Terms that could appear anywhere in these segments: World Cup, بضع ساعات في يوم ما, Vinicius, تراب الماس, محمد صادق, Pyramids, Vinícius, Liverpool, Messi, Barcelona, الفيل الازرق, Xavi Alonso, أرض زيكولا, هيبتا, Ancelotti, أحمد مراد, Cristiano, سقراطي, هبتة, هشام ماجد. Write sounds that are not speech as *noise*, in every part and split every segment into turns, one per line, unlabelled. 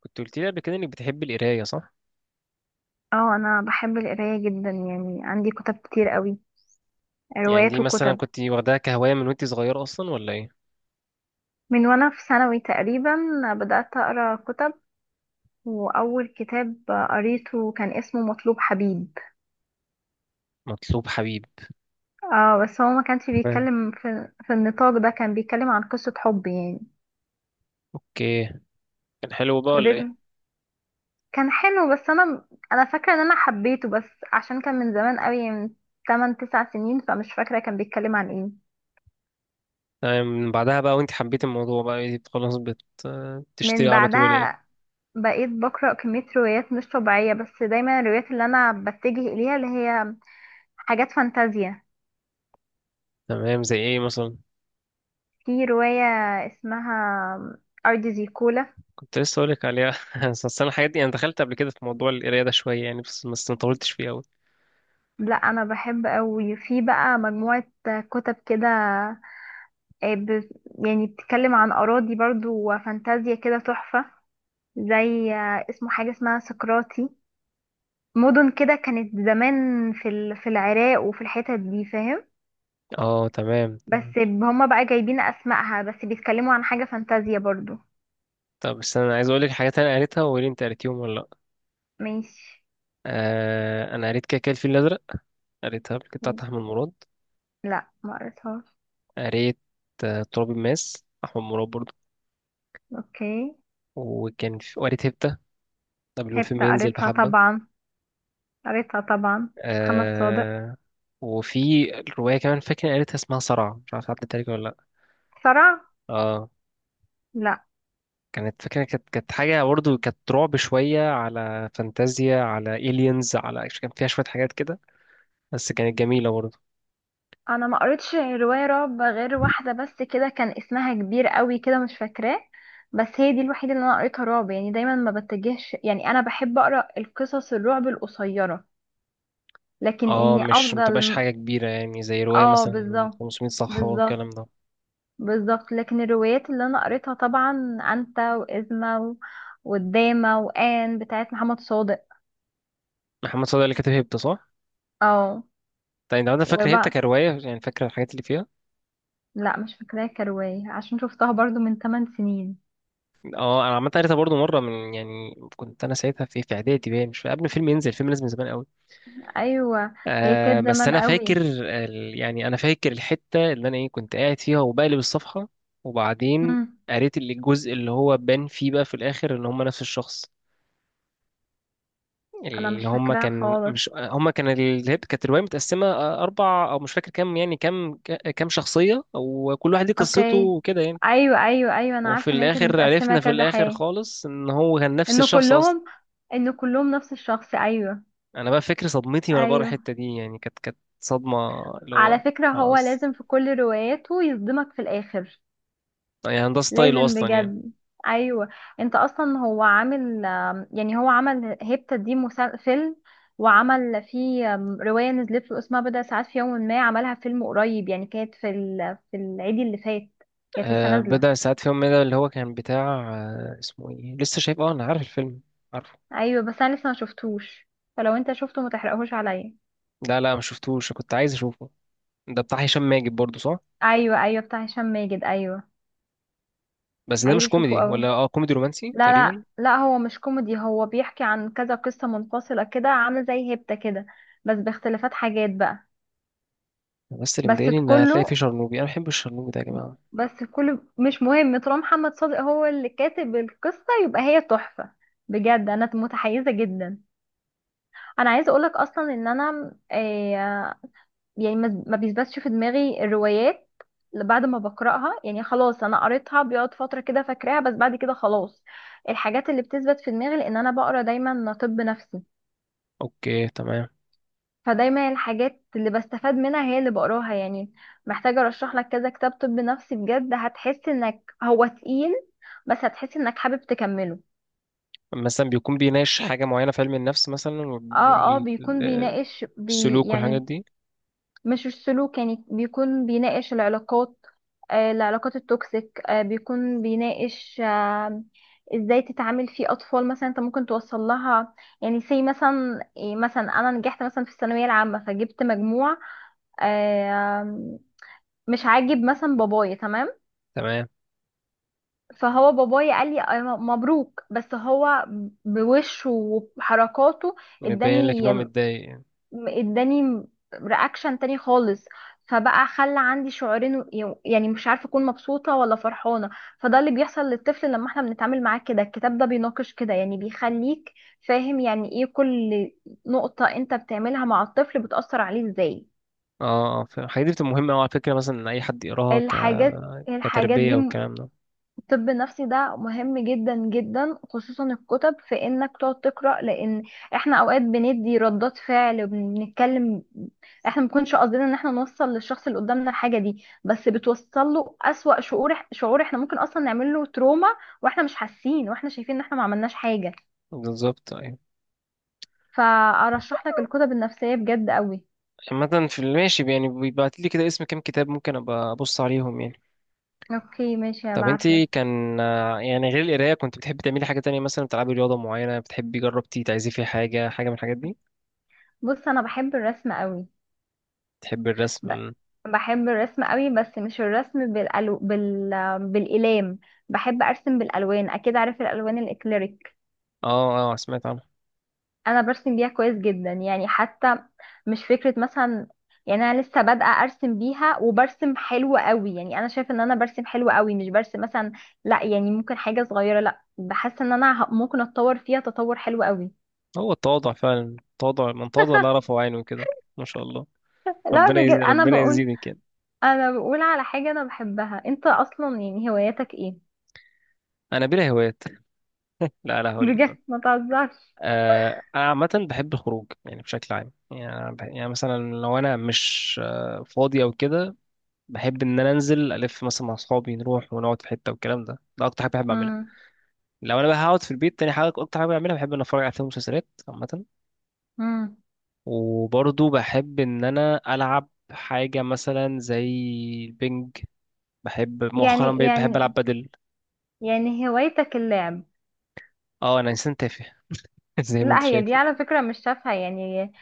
كنت قلت لي قبل كده انك بتحب القرايه، صح؟
اه، انا بحب القرايه جدا، يعني عندي كتب كتير قوي،
يعني دي
روايات
مثلا
وكتب.
كنت واخداها كهوايه من وانت صغيره اصلا ولا ايه؟
من وانا في ثانوي تقريبا بدات اقرا كتب، واول كتاب قريته كان اسمه مطلوب حبيب.
مطلوب حبيب.
اه بس هو ما كانش
تمام.
بيتكلم في النطاق ده، كان بيتكلم عن قصه حب يعني.
اوكي. كان حلو بقى ولا ايه؟
فضل كان حلو، بس انا فاكره ان انا حبيته، بس عشان كان من زمان قوي، من 8 9 سنين، فمش فاكره كان بيتكلم عن ايه.
تمام، من بعدها بقى وانت حبيت الموضوع بقى إيه، خلاص بتشتري
من
على طول يعني؟
بعدها بقيت بقرأ كمية روايات مش طبيعية، بس دايما الروايات اللي أنا بتجه إليها اللي هي حاجات فانتازيا.
تمام، زي ايه مثلا؟
في رواية اسمها أرض زيكولا.
كنت لسه اقول لك عليها. *laughs* اصل انا الحاجات دي انا دخلت قبل كده في موضوع القرايه ده شويه يعني، بس ما طولتش فيه قوي.
لا أنا بحب أوي، في بقى مجموعة كتب كده، آه، ب- يعني بتتكلم عن أراضي برضو وفانتازيا كده تحفة. زي اسمه حاجة اسمها سقراطي، مدن كده كانت زمان في العراق وفي الحتت دي، فاهم.
اه تمام.
بس هما بقى جايبين أسمائها، بس بيتكلموا عن حاجة فانتازيا برضو.
طب بس انا عايز اقول لك حاجات انا قريتها وقولي انت قريتيهم ولا لا.
ماشي.
آه انا قريت كده كده الفيل الازرق، قريتها قبل كده بتاعت احمد مراد.
لا ما قريتهاش.
قريت تراب الماس أحمد مراد برضه.
اوكي.
وكان في وقريت هبتة قبل ما
هبت
الفيلم ينزل
قريتها
بحبة.
طبعا، قريتها طبعا، محمد صادق.
آه، وفي الرواية كمان فاكر قريتها اسمها صرع، مش عارف عدت عليك ولا لأ؟
صرع؟
اه،
لا.
كانت فاكرة، كانت حاجة برضه، كانت رعب شوية، على فانتازيا، على إيليانز، على كان فيها شوية حاجات كده، بس كانت جميلة برضه.
انا ما قريتش رواية رعب غير واحدة بس كده، كان اسمها كبير قوي كده مش فاكراه، بس هي دي الوحيدة اللي انا قريتها رعب. يعني دايما ما بتجهش، يعني انا بحب اقرا القصص الرعب القصيرة، لكن
اه
اني
مش متبقاش
افضل...
حاجة كبيرة يعني، زي رواية
اه
مثلا
بالظبط،
500 صفحة
بالظبط،
والكلام ده.
بالظبط. لكن الروايات اللي انا قريتها طبعا انت وازمه والدامه وان بتاعت محمد صادق.
محمد صادق اللي كاتب هبتة، صح؟
اه.
طيب انت عندك فاكر هبتة
وبقى
كرواية؟ يعني فاكرة الحاجات اللي فيها؟
لا مش فاكراها كروايه، عشان شفتها برضو من 8 سنين.
اه انا عامه قريتها برضو مره، من يعني كنت انا ساعتها في اعدادي، باين مش قبل الفيلم ينزل، الفيلم نزل من زمان قوي.
ايوه، هي
آه
كانت
بس
زمان
انا فاكر
قوي.
يعني انا فاكر الحته اللي انا ايه، كنت قاعد فيها وبقلب الصفحه. وبعدين
مم.
قريت الجزء اللي هو بان فيه بقى في الاخر ان هم نفس الشخص،
انا
اللي
مش
هم
فاكراها
كان،
خالص.
مش هم كان ال- هي كانت الروايه متقسمه اربع او مش فاكر كام، يعني كام كام شخصيه وكل واحد ليه قصته
اوكي.
وكده يعني.
ايوه ايوه ايوه، انا
وفي
عارفه ان هي كانت
الاخر
متقسمه
عرفنا، في
كذا
الاخر
حاجه.
خالص، ان هو كان نفس
انه
الشخص اصلا.
كلهم، انه كلهم نفس الشخص، ايوه.
انا بقى فكرة صدمتي وانا بره
ايوه،
الحتة دي، يعني كانت صدمة. اللي
على
هو
فكره هو
خلاص،
لازم في كل رواياته يصدمك في الاخر.
يعني ده ستايله
لازم
اصلا يعني.
بجد. ايوه. انت اصلا هو عامل، يعني هو عمل هيبتا دي فيلم، وعمل فيه روايه نزلت له اسمها بضع ساعات في يوم، ما عملها فيلم قريب، يعني كانت في العيد اللي فات كانت لسه
آه
نازله.
بضع ساعات في يوم، من ده اللي هو كان بتاع اسمه ايه، لسه شايف، اه انا عارف الفيلم. عارفه.
ايوه بس انا لسه ما شفتوش، فلو انت شفته ما تحرقهوش عليا.
لا لا ما شفتوش، كنت عايز اشوفه. ده بتاع هشام ماجد برضه، صح؟
ايوه ايوه، بتاع هشام ماجد، ايوه.
بس ده
عايزه
مش
اشوفه
كوميدي،
قوي.
ولا اه كوميدي رومانسي
لا
تقريبا؟
لا لا، هو مش كوميدي، هو بيحكي عن كذا قصه منفصله كده، عامله زي هيبتا كده بس باختلافات، حاجات بقى.
بس اللي
بس
مضايقني ان هتلاقي فيه
كله،
شرنوبي، انا بحب الشرنوبي ده يا جماعة.
بس كل مش مهم، طالما محمد صادق هو اللي كاتب القصة يبقى هي تحفة، بجد انا متحيزة جدا. انا عايزة اقولك اصلا ان انا، يعني ما بيثبتش في دماغي الروايات اللي بعد ما بقرأها، يعني خلاص انا قريتها بيقعد فترة كده فاكراها بس بعد كده خلاص. الحاجات اللي بتثبت في دماغي لان انا بقرا دايما طب نفسي،
اوكي تمام.
فدايما الحاجات اللي بستفاد منها هي اللي بقراها يعني. محتاجة ارشح لك كذا كتاب طب نفسي بجد، هتحس انك هو تقيل بس هتحس انك حابب تكمله.
مثلا بيكون بيناقش حاجة معينة في علم النفس مثلا؟
اه اه، بيكون بيناقش
والسلوك والحاجات
يعني...
دي.
مش السلوك، يعني بيكون بيناقش العلاقات، آه العلاقات التوكسيك، آه بيكون بيناقش آه ازاي تتعامل في اطفال مثلا، انت ممكن توصل لها. يعني سي مثلا إيه، مثلا انا نجحت مثلا في الثانويه العامه فجبت مجموع آه، مش عاجب مثلا بابايا، تمام.
تمام.
فهو بابايا قال لي أنا مبروك، بس هو بوشه وحركاته
مبين لك ان
اداني،
هو متضايق.
اداني رياكشن تاني خالص. فبقى خلى عندي شعورين، يعني مش عارفه اكون مبسوطه ولا فرحانه. فده اللي بيحصل للطفل لما احنا بنتعامل معاه كده، الكتاب ده بيناقش كده، يعني بيخليك فاهم يعني ايه كل نقطه انت بتعملها مع الطفل بتأثر عليه ازاي.
اه، الحاجات دي بتبقى مهمة أوي على فكرة، مثلا إن أي حد يقراها
الحاجات دي،
كتربية والكلام ده.
الطب النفسي ده مهم جدا جدا، خصوصا الكتب، في انك تقعد تقرا. لان احنا اوقات بندي ردات فعل وبنتكلم، احنا ما بنكونش قصدنا ان احنا نوصل للشخص اللي قدامنا الحاجه دي، بس بتوصل له اسوأ شعور، شعور احنا ممكن اصلا نعمل له تروما واحنا مش حاسين، واحنا شايفين ان احنا ما عملناش حاجه.
بالظبط، أيوة.
فارشح لك الكتب النفسيه بجد قوي.
عامة في الماشي يعني بيبعت لي كده اسم كام كتاب ممكن أبقى أبص عليهم يعني.
اوكي ماشي،
طب
هبعت
انتي
لك.
كان يعني غير القراية كنت بتحبي تعملي حاجة تانية؟ مثلا بتلعبي رياضة معينة، بتحبي جربتي تعزفي فيها حاجة، حاجة من الحاجات دي؟
بص انا بحب الرسم قوي،
بتحبي
ب-
الرسم.
بحب الرسم قوي، بس مش الرسم بالألو... بال... بالإلام. بحب أرسم بالألوان، أكيد عارف الألوان الإكليريك.
اه اه سمعت عنه.
أنا برسم بيها كويس جدا، يعني حتى مش فكرة مثلا، يعني أنا لسه بادئة أرسم بيها وبرسم حلو قوي. يعني أنا شايفة إن أنا برسم حلو قوي، مش برسم مثلا لا يعني ممكن حاجة صغيرة، لا بحس إن ممكن أتطور فيها تطور حلو قوي.
هو التواضع فعلا، التواضع من تواضع لا رفع عينه كده. ما شاء الله.
لا بجد، أنا
ربنا
بقول،
يزيدك يعني.
أنا بقول على حاجة أنا بحبها. أنت أصلا يعني هواياتك إيه؟
أنا بلا هوايات. لا لا
*laughs*
هقول لك.
بجد ما تهزرش.
انا عامه بحب الخروج يعني بشكل عام، يعني يعني مثلا لو انا مش فاضي او كده، بحب ان انا انزل الف مثلا مع اصحابي، نروح ونقعد في حته والكلام ده، ده اكتر حاجه بحب اعملها. لو انا بقى هقعد في البيت، تاني حاجه اكتر حاجه بعملها بحب ان اتفرج على فيلم ومسلسلات عامه.
مم.
وبرضه بحب ان انا العب حاجه مثلا زي البنج. بحب مؤخرا
يعني
بقيت بحب العب
يعني
بدل.
يعني هوايتك اللعب؟
اه انا انسان تافه *laughs* زي ما انت
لا هي
شايف.
دي على فكرة مش تافهة، يعني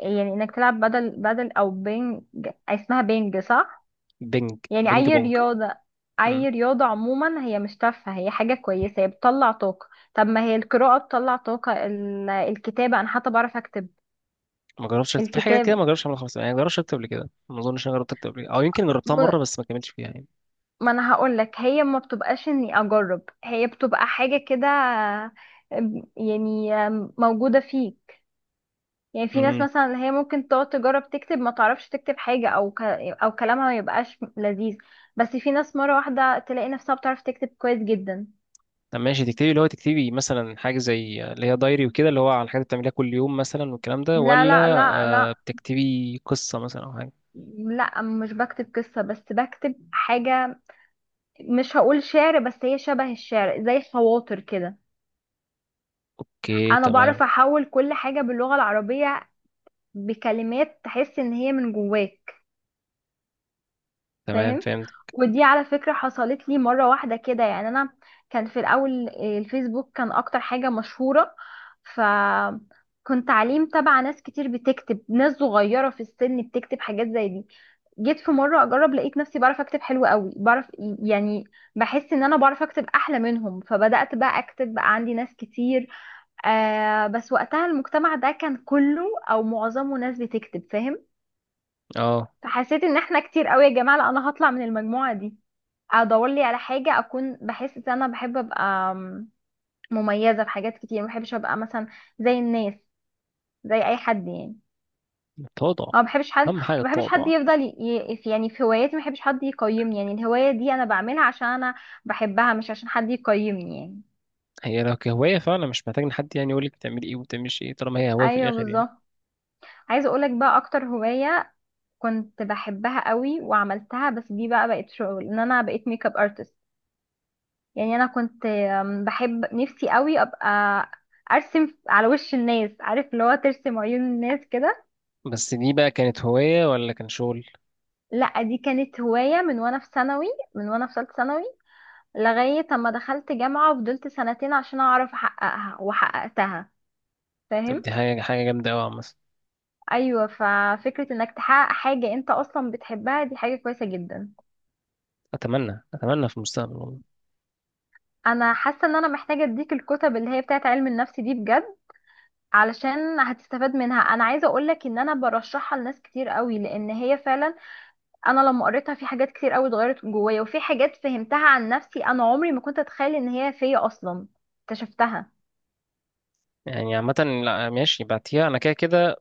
يعني انك تلعب بدل او بينج، اسمها بينج صح؟
بنج
يعني
بنج
اي
بونج.
رياضة، اي رياضة عموما هي مش تافهة، هي حاجة كويسة، هي بتطلع طاقة. طب ما هي القراءة بتطلع طاقة، الكتابة، انا حتى بعرف اكتب.
ما جربتش أكتب في حاجة كده،
الكتاب،
ما جربتش أعملها خالص يعني، ما جربتش أكتب قبل كده، ما أظنش أنا جربت أكتب قبل كده، أو يمكن جربتها مرة
ب-
بس ما كملتش فيها يعني.
ما انا هقول لك، هي ما بتبقاش اني اجرب، هي بتبقى حاجة كده يعني موجودة فيك. يعني في ناس
امم
مثلا اللي هي ممكن تقعد تجرب تكتب ما تعرفش تكتب حاجة، او ك... او كلامها ما يبقاش لذيذ، بس في ناس مرة واحدة تلاقي نفسها بتعرف تكتب كويس جدا.
طب ماشي تكتبي، اللي هو تكتبي مثلا حاجة زي اللي هي دايري وكده، اللي هو عن الحاجات اللي بتعمليها كل يوم مثلا والكلام ده،
لا
ولا
لا لا
آه
لا.
بتكتبي قصة مثلا أو حاجة؟
لا مش بكتب قصة، بس بكتب حاجة، مش هقول شعر بس هي شبه الشعر، زي خواطر كده.
أوكي
انا بعرف
تمام.
احول كل حاجة باللغة العربية بكلمات تحس ان هي من جواك.
تمام
فاهم.
فهمت.
ودي على فكرة حصلت لي مرة واحدة كده، يعني انا كان في الاول الفيسبوك كان اكتر حاجة مشهورة، ف كنت عليه متابعة ناس كتير بتكتب، ناس صغيرة في السن بتكتب حاجات زي دي. جيت في مرة اجرب لقيت نفسي بعرف اكتب حلو قوي، بعرف يعني، بحس ان انا بعرف اكتب احلى منهم، فبدأت بقى اكتب، بقى عندي ناس كتير. آه بس وقتها المجتمع ده كان كله او معظمه ناس بتكتب، فاهم.
أه
فحسيت ان احنا كتير قوي يا جماعة، لا انا هطلع من المجموعة دي، ادور لي على حاجه اكون بحس ان انا بحب ابقى مميزه في حاجات كتير، ما بحبش ابقى مثلا زي الناس، زي اي حد يعني.
التواضع،
أو ما بحبش حد،
أهم حاجة
ما بحبش حد
التواضع.
يفضل يعني في هواياتي ما بحبش حد يقيمني، يعني الهوايه دي انا بعملها عشان انا بحبها مش عشان حد يقيمني يعني.
هي لو كهواية فعلا مش محتاج إن حد يعني يقولك بتعملي إيه وبتعمليش إيه، طالما هي هواية في
ايوه
الآخر يعني.
بالظبط. عايزه اقولك بقى اكتر هوايه كنت بحبها قوي وعملتها، بس دي بقى بقت شغل، ان انا بقيت ميك اب ارتست. يعني انا كنت بحب نفسي قوي ابقى ارسم على وش الناس، عارف اللي هو ترسم عيون الناس كده.
بس دي بقى كانت هواية ولا كان شغل؟
لا دي كانت هواية من وانا في ثانوي، من وانا في ثالثه ثانوي، لغاية اما دخلت جامعة وفضلت سنتين عشان اعرف احققها وحققتها،
طب
فاهم.
دي حاجة حاجة جامدة أوي عامة.
ايوه ففكرة انك تحقق حاجة انت اصلا بتحبها دي حاجة كويسة جدا.
اتمنى اتمنى في المستقبل والله.
انا حاسة ان انا محتاجة اديك الكتب اللي هي بتاعت علم النفس دي بجد، علشان هتستفاد منها. انا عايزة اقولك ان انا برشحها لناس كتير قوي، لان هي فعلا انا لما قريتها في حاجات كتير قوي اتغيرت جوايا، وفي حاجات فهمتها عن نفسي انا عمري ما كنت اتخيل ان هي فيا اصلا، اكتشفتها.
يعني عامه، لا ماشي بعتيها انا كده كده،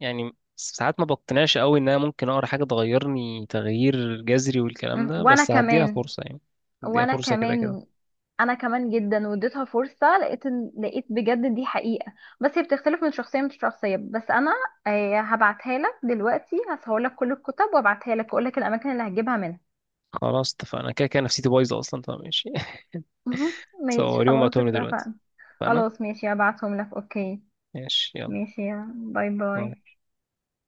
يعني ساعات ما بقتنعش قوي ان انا ممكن اقرا حاجه تغيرني تغيير جذري والكلام ده،
وانا
بس هديها
كمان،
فرصه يعني، هديها
وانا
فرصه كده كده.
كمان انا كمان جدا واديتها فرصه، لقيت بجد دي حقيقه، بس هي بتختلف من شخصيه لشخصيه. بس انا هبعتها لك دلوقتي، هصور لك كل الكتب وابعتها لك واقول لك الاماكن اللي هتجيبها منها.
خلاص اتفقنا، كده كده نفسيتي بايظه اصلا فماشي.
مهم.
*laughs*
ماشي
سو اليوم
خلاص
بعتهم لي دلوقتي،
اتفقنا.
اتفقنا؟
خلاص ماشي هبعتهم لك، اوكي.
ماشي يلا.
ماشي يا باي
باي.
باي.